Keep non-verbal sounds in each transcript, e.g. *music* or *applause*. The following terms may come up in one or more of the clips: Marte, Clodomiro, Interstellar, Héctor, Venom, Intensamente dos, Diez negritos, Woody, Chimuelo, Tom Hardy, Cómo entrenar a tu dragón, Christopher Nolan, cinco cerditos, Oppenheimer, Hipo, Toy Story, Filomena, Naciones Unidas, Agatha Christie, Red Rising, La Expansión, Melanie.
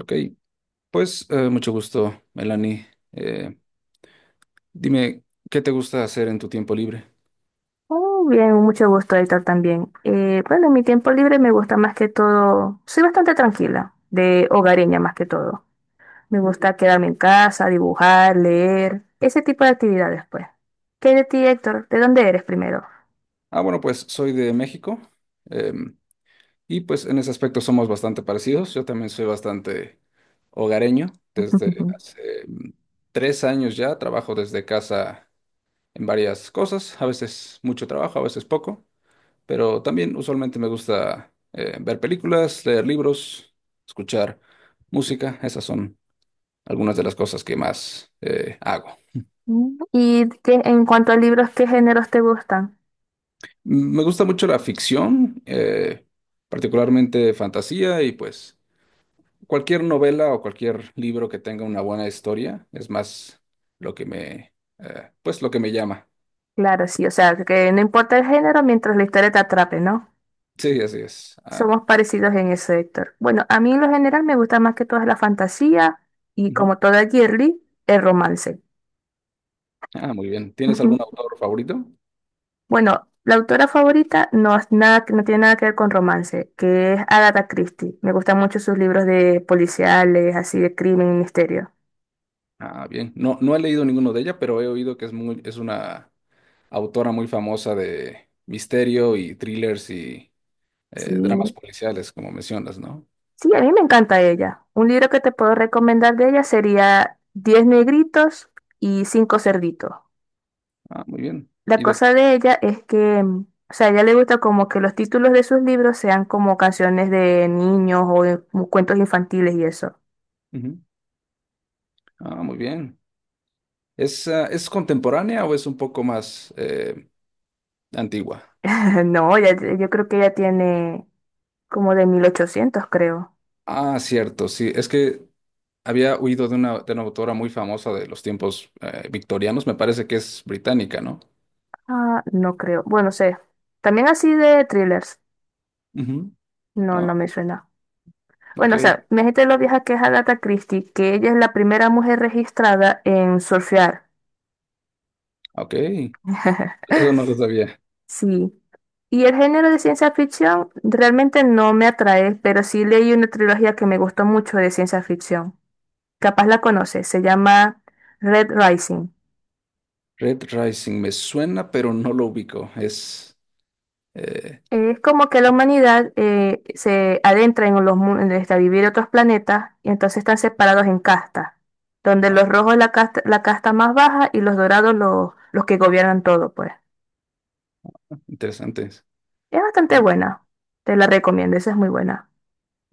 Ok, pues mucho gusto, Melanie. Eh, dime, ¿qué te gusta hacer en tu tiempo libre? Oh, bien, mucho gusto, Héctor, también. Bueno, en mi tiempo libre me gusta más que todo, soy bastante tranquila, de hogareña más que todo. Me gusta quedarme en casa, dibujar, leer, ese tipo de actividades, pues. ¿Qué de ti, Héctor? ¿De dónde eres primero? Ah, bueno, pues soy de México em, y pues en ese aspecto somos bastante parecidos. Yo también soy bastante hogareño. Desde *laughs* hace tres años ya trabajo desde casa en varias cosas, a veces mucho trabajo, a veces poco, pero también usualmente me gusta ver películas, leer libros, escuchar música. Esas son algunas de las cosas que más hago. ¿Y en cuanto a libros, qué géneros te gustan? Mm, me gusta mucho la ficción, particularmente fantasía y pues cualquier novela o cualquier libro que tenga una buena historia es más lo que pues lo que me llama. Claro, sí, o sea, que no importa el género mientras la historia te atrape, ¿no? Sí, así es. Ah, Somos parecidos en eso, Héctor. Bueno, a mí en lo general me gusta más que todo la fantasía y ujú. como toda girly, el romance. Ah, muy bien. ¿Tienes algún Ujú. autor favorito? Bueno, la autora favorita no, es nada, no tiene nada que ver con romance, que es Agatha Christie. Me gustan mucho sus libros de policiales, así de crimen y misterio. Ah, bien. No, no he leído ninguno de ella, pero he oído que es es una autora muy famosa de misterio y thrillers y Sí, dramas policiales, como mencionas, ¿no? sí, a mí me encanta ella. Un libro que te puedo recomendar de ella sería Diez negritos y cinco cerditos. Ah, muy bien. La ¿Y de qué? cosa de ella es que, o sea, a ella le gusta como que los títulos de sus libros sean como canciones de niños o como cuentos infantiles y eso. Ujú. Ah, muy bien. ¿Es, ah, es contemporánea o es un poco más antigua? *laughs* No, yo creo que ella tiene como de 1800 creo. Ah, cierto, sí. Es que había oído de de una autora muy famosa de los tiempos victorianos. Me parece que es británica, ¿no? Ah, no creo. Bueno, sé. También así de thrillers. Ujú. No, no Ah, me suena. ok, Bueno, o sea, mi gente lo vieja que es Agatha Christie, que ella es la primera mujer registrada en surfear. ok. *laughs* Eso no lo sabía. Sí. Y el género de ciencia ficción realmente no me atrae, pero sí leí una trilogía que me gustó mucho de ciencia ficción. Capaz la conoces, se llama Red Rising. Red Rising me suena, pero no lo ubico. Es eh, Es como que la humanidad se adentra en los mundos, a vivir en otros planetas, y entonces están separados en castas, donde los rojos la casta más baja y los dorados los que gobiernan todo, pues. interesante. Es bastante Ujú. buena, te la recomiendo, esa es muy buena.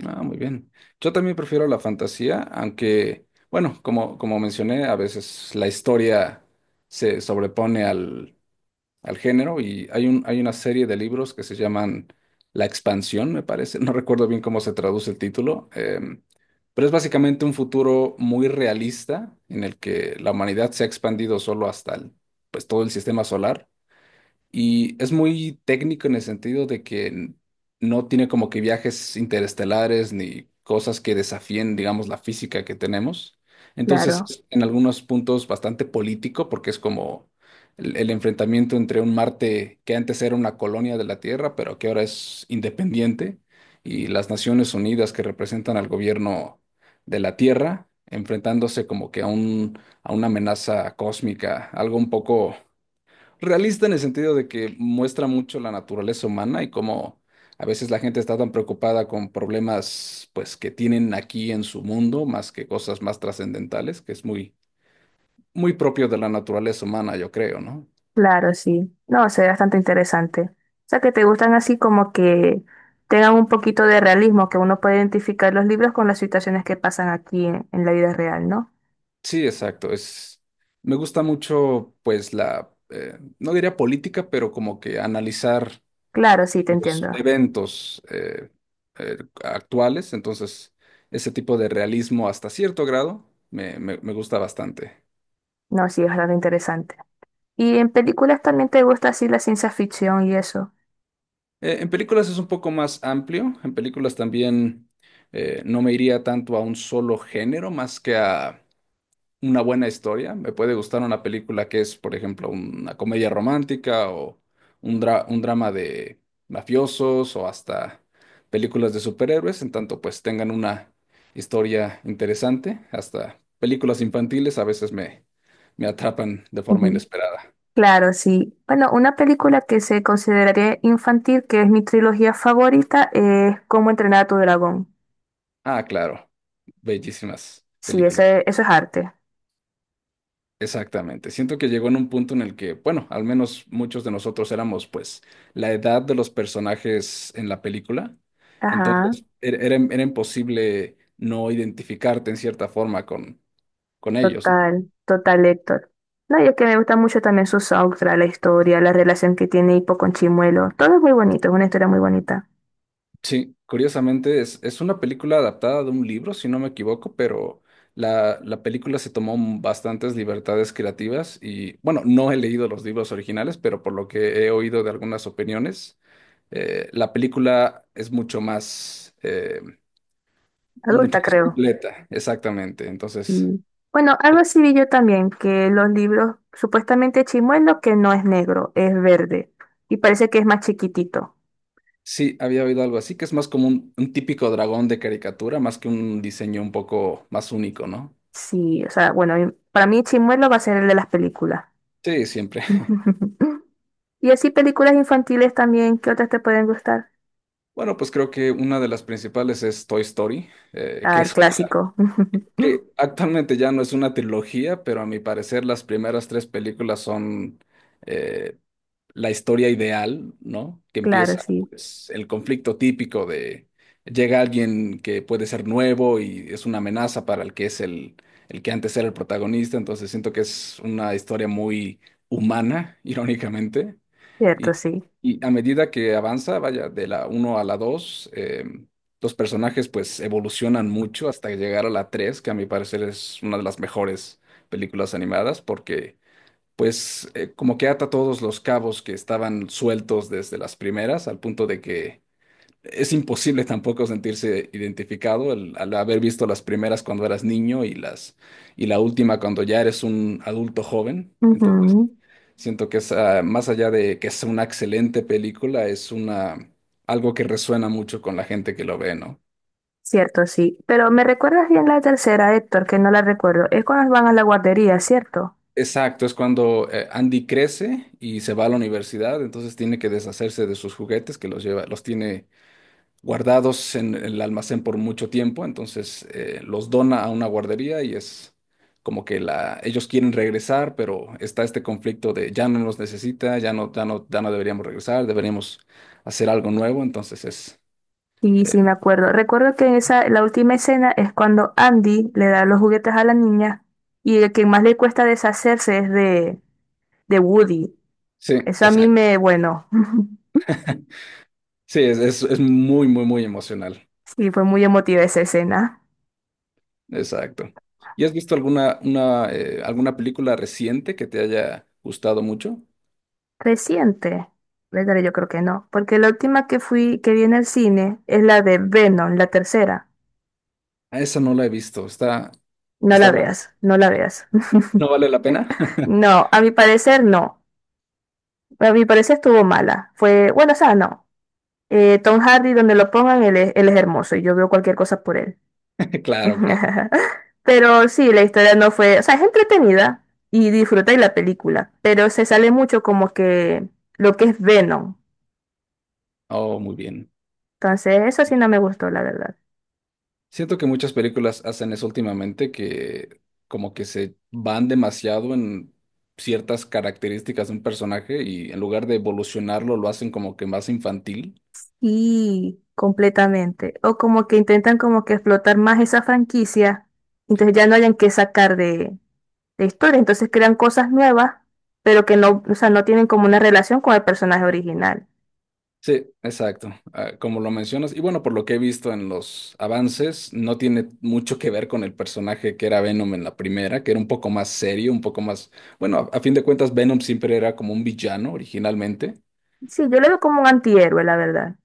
Ah, muy bien. Yo también prefiero la fantasía, aunque, bueno, como mencioné, a veces la historia se sobrepone al género y hay hay una serie de libros que se llaman La Expansión, me parece. *laughs* No recuerdo bien cómo se traduce el título, pero es básicamente un futuro muy realista en el que la humanidad se ha expandido solo hasta pues, todo el sistema solar y es muy técnico en el sentido de que no tiene como que viajes interestelares ni cosas que desafíen, digamos, la física que tenemos. Entonces, Claro, es en algunos puntos bastante político, porque es como el enfrentamiento entre un Marte que antes era una colonia de la Tierra, pero que ahora es independiente, y las Naciones Unidas que representan al gobierno de la Tierra, enfrentándose como que a a una amenaza cósmica, algo un poco realista en el sentido de que muestra mucho la naturaleza humana y cómo a veces la gente está tan preocupada con problemas pues que tienen aquí en su mundo más que cosas más trascendentales, que es muy propio de la naturaleza humana, yo creo, ¿no? claro, sí. No, se ve bastante interesante. O sea, que te gustan así como que tengan un poquito de realismo, que uno puede identificar los libros con las situaciones que pasan aquí en la vida real, ¿no? Sí, exacto, es me gusta mucho pues la no diría política, pero como que analizar Claro, sí, te entiendo. los eventos actuales, entonces ese tipo de realismo hasta cierto grado me gusta bastante. No, sí, es bastante interesante. Y en películas también te gusta así la ciencia ficción y eso. En películas es un poco más amplio. En películas también no me iría tanto a un solo género más que a una buena historia. Me puede gustar una película que es, por ejemplo, una comedia romántica o un, un drama de mafiosos o hasta películas de superhéroes, en tanto pues tengan una historia interesante. Hasta películas infantiles a veces me atrapan de forma Ujú. inesperada. Claro, sí. Bueno, una película que se consideraría infantil, que es mi trilogía favorita, es Cómo entrenar a tu dragón. Ah, claro. Bellísimas Sí, películas. Eso es arte. Exactamente. Siento que llegó en un punto en el que, bueno, al menos muchos de nosotros éramos, pues, la edad de los personajes en la película. Ajá, Entonces, era imposible no identificarte en cierta forma con ellos, ¿no? total, total, Héctor. No, y es que me gusta mucho también su soundtrack, la historia, la relación que tiene Hipo con Chimuelo. Todo es muy bonito, es una historia muy bonita. Sí, curiosamente es una película adaptada de un libro, si no me equivoco, pero la película se tomó bastantes libertades creativas y, bueno, no he leído los libros originales, pero por lo que he oído de algunas opiniones. La película es mucho Adulta, más creo. completa, exactamente. Entonces, Y, Bueno, algo así vi yo también, que los libros, supuestamente Chimuelo, que no es negro, es verde. Y parece que es más chiquitito. sí, había oído algo así, que es más como un típico dragón de caricatura, más que un diseño un poco más único, ¿no? Sí, o sea, bueno, y para mí Chimuelo va a ser el de las películas. Sí, siempre. *laughs* *laughs* Y así películas infantiles también, ¿qué otras te pueden gustar? Bueno, pues creo que una de las principales es Toy Story, Ah, el clásico. que *laughs* actualmente ya no es una trilogía, pero a mi parecer las primeras tres películas son, eh, la historia ideal, ¿no? Que Claro, empieza, sí. pues, el conflicto típico de llega alguien que puede ser nuevo y es una amenaza para el que es el que antes era el protagonista, entonces siento que es una historia muy humana, *laughs* irónicamente, Cierto, y, sí. y a medida que avanza, vaya, de la uno a la 2, los personajes pues evolucionan mucho hasta llegar a la 3, que a mi parecer es una de las mejores películas animadas porque pues como que ata todos los cabos que estaban sueltos desde las primeras, al punto de que es imposible tampoco sentirse identificado al haber visto las primeras cuando eras niño y las y la última cuando ya eres un adulto joven. Entonces, Ujú. siento que es más allá de que es una excelente película, es una algo que resuena mucho con la gente que lo ve, ¿no? Cierto, sí. Pero me recuerdas bien la tercera, Héctor, que no la recuerdo. Es cuando van a la guardería, ¿cierto? Exacto, es cuando Andy crece y se va a la universidad, entonces tiene que deshacerse de sus juguetes que los lleva, los tiene guardados en el almacén por mucho tiempo, entonces los dona a una guardería y es como que ellos quieren regresar, pero está este conflicto de ya no nos necesita, ya no, ya no, ya no deberíamos regresar, deberíamos hacer algo nuevo, entonces es, Y eh, sí, me acuerdo. Recuerdo que en esa, la última escena es cuando Andy le da los juguetes a la niña y el que más le cuesta deshacerse es de Woody. sí, Eso a mí exacto, me, bueno, *laughs* sí, es muy, muy, muy emocional, sí, fue muy emotiva esa escena. exacto. ¿Y has visto alguna, una, alguna película reciente que te haya gustado mucho? Reciente, ¿verdad? Yo creo que no, porque la última que fui, que vi en el cine es la de Venom, la tercera. Ah, esa no la he visto, No está la buena, veas, no la veas. *laughs* ¿no vale la pena? *laughs* No, a mi parecer no. A mi parecer estuvo mala. Fue, bueno, o sea, no. Tom Hardy, donde lo pongan, él es hermoso y yo veo cualquier cosa por él. Claro, claro. *laughs* Pero sí, la historia no fue, o sea, es entretenida y disfrutáis la película, pero se sale mucho como que lo que es Venom. Oh, muy bien. Entonces, eso sí no me gustó, la verdad. Siento que muchas películas hacen eso últimamente, que como que se van demasiado en ciertas características de un personaje y en lugar de evolucionarlo lo hacen como que más infantil. Y completamente. O como que intentan como que explotar más esa franquicia, entonces ya no hayan que sacar de historia, entonces crean cosas nuevas, pero que no, o sea, no tienen como una relación con el personaje original. Sí, exacto, como lo mencionas. Y bueno, por lo que he visto en los avances, no tiene mucho que ver con el personaje que era Venom en la primera, que era un poco más serio, un poco más... Bueno, a fin de cuentas, Venom siempre era como un villano originalmente. Sí, yo lo veo como un antihéroe, la verdad.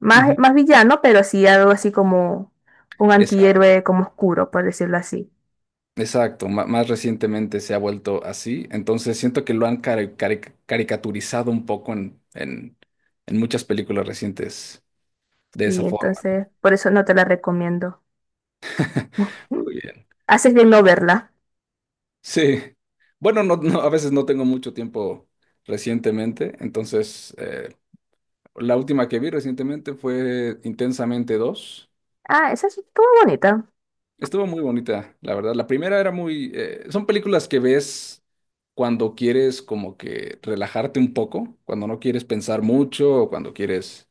Más, Ujú. más villano, pero sí algo así como un Esa antihéroe como oscuro, por decirlo así. Exacto, más recientemente se ha vuelto así, entonces siento que lo han caricaturizado un poco en muchas películas recientes de esa Y forma, ¿no? entonces, por eso no te la recomiendo. Muy bien. Haces bien no verla. Sí, bueno, no, no, a veces no tengo mucho tiempo recientemente, entonces la última que vi recientemente fue Intensamente dos. Ah, esa es estuvo bonita. Estuvo muy bonita, la verdad. La primera era muy... son películas que ves cuando quieres como que relajarte un poco, cuando no quieres pensar mucho o cuando quieres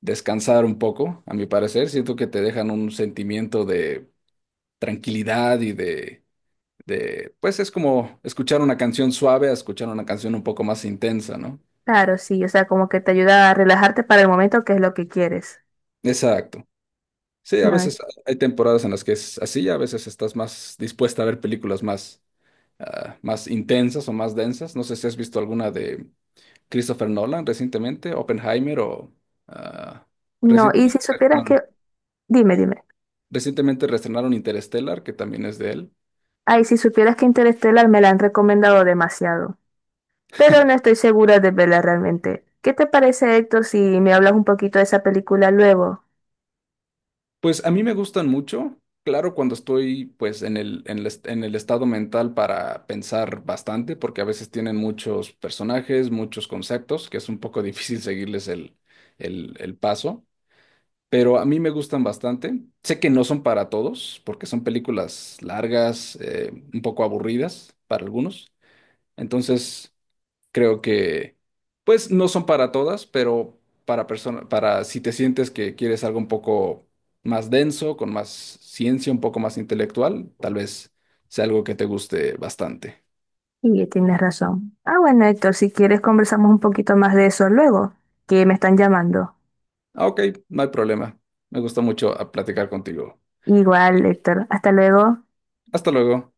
descansar un poco, a mi parecer. Siento que te dejan un sentimiento de tranquilidad de... Pues es como escuchar una canción suave a escuchar una canción un poco más intensa, ¿no? Claro, sí, o sea, como que te ayuda a relajarte para el momento que es lo que quieres. Exacto. Sí, a No, veces hay temporadas en las que es así, a veces estás más dispuesta a ver películas más más intensas o más densas. No sé si has visto alguna de Christopher Nolan recientemente, Oppenheimer o ah, no, recien- y si supieras perdón, que, dime, dime. recientemente reestrenaron Interstellar, que también es de él. Ay, si supieras que Interstellar me la han recomendado demasiado. Pero no estoy segura de verla realmente. ¿Qué te parece, Héctor, si me hablas un poquito de esa película luego? Pues a mí me gustan mucho. Claro, cuando estoy pues en el estado mental para pensar bastante, porque a veces tienen muchos personajes, muchos conceptos, que es un poco *laughs* difícil seguirles el paso. Pero a mí me gustan bastante. Sé que no son para todos, porque son películas largas, un poco aburridas para algunos. Entonces, creo que, pues, no son para todas, pero para si te sientes que quieres algo un poco más denso, con más ciencia, un poco más intelectual, tal vez sea algo que te guste bastante. Y tienes razón. Ah, bueno, Héctor, si quieres conversamos un poquito más de eso luego, que me están llamando. Ah, ok, no hay problema. Me gustó mucho platicar contigo. Igual, Héctor, hasta luego. Hasta luego.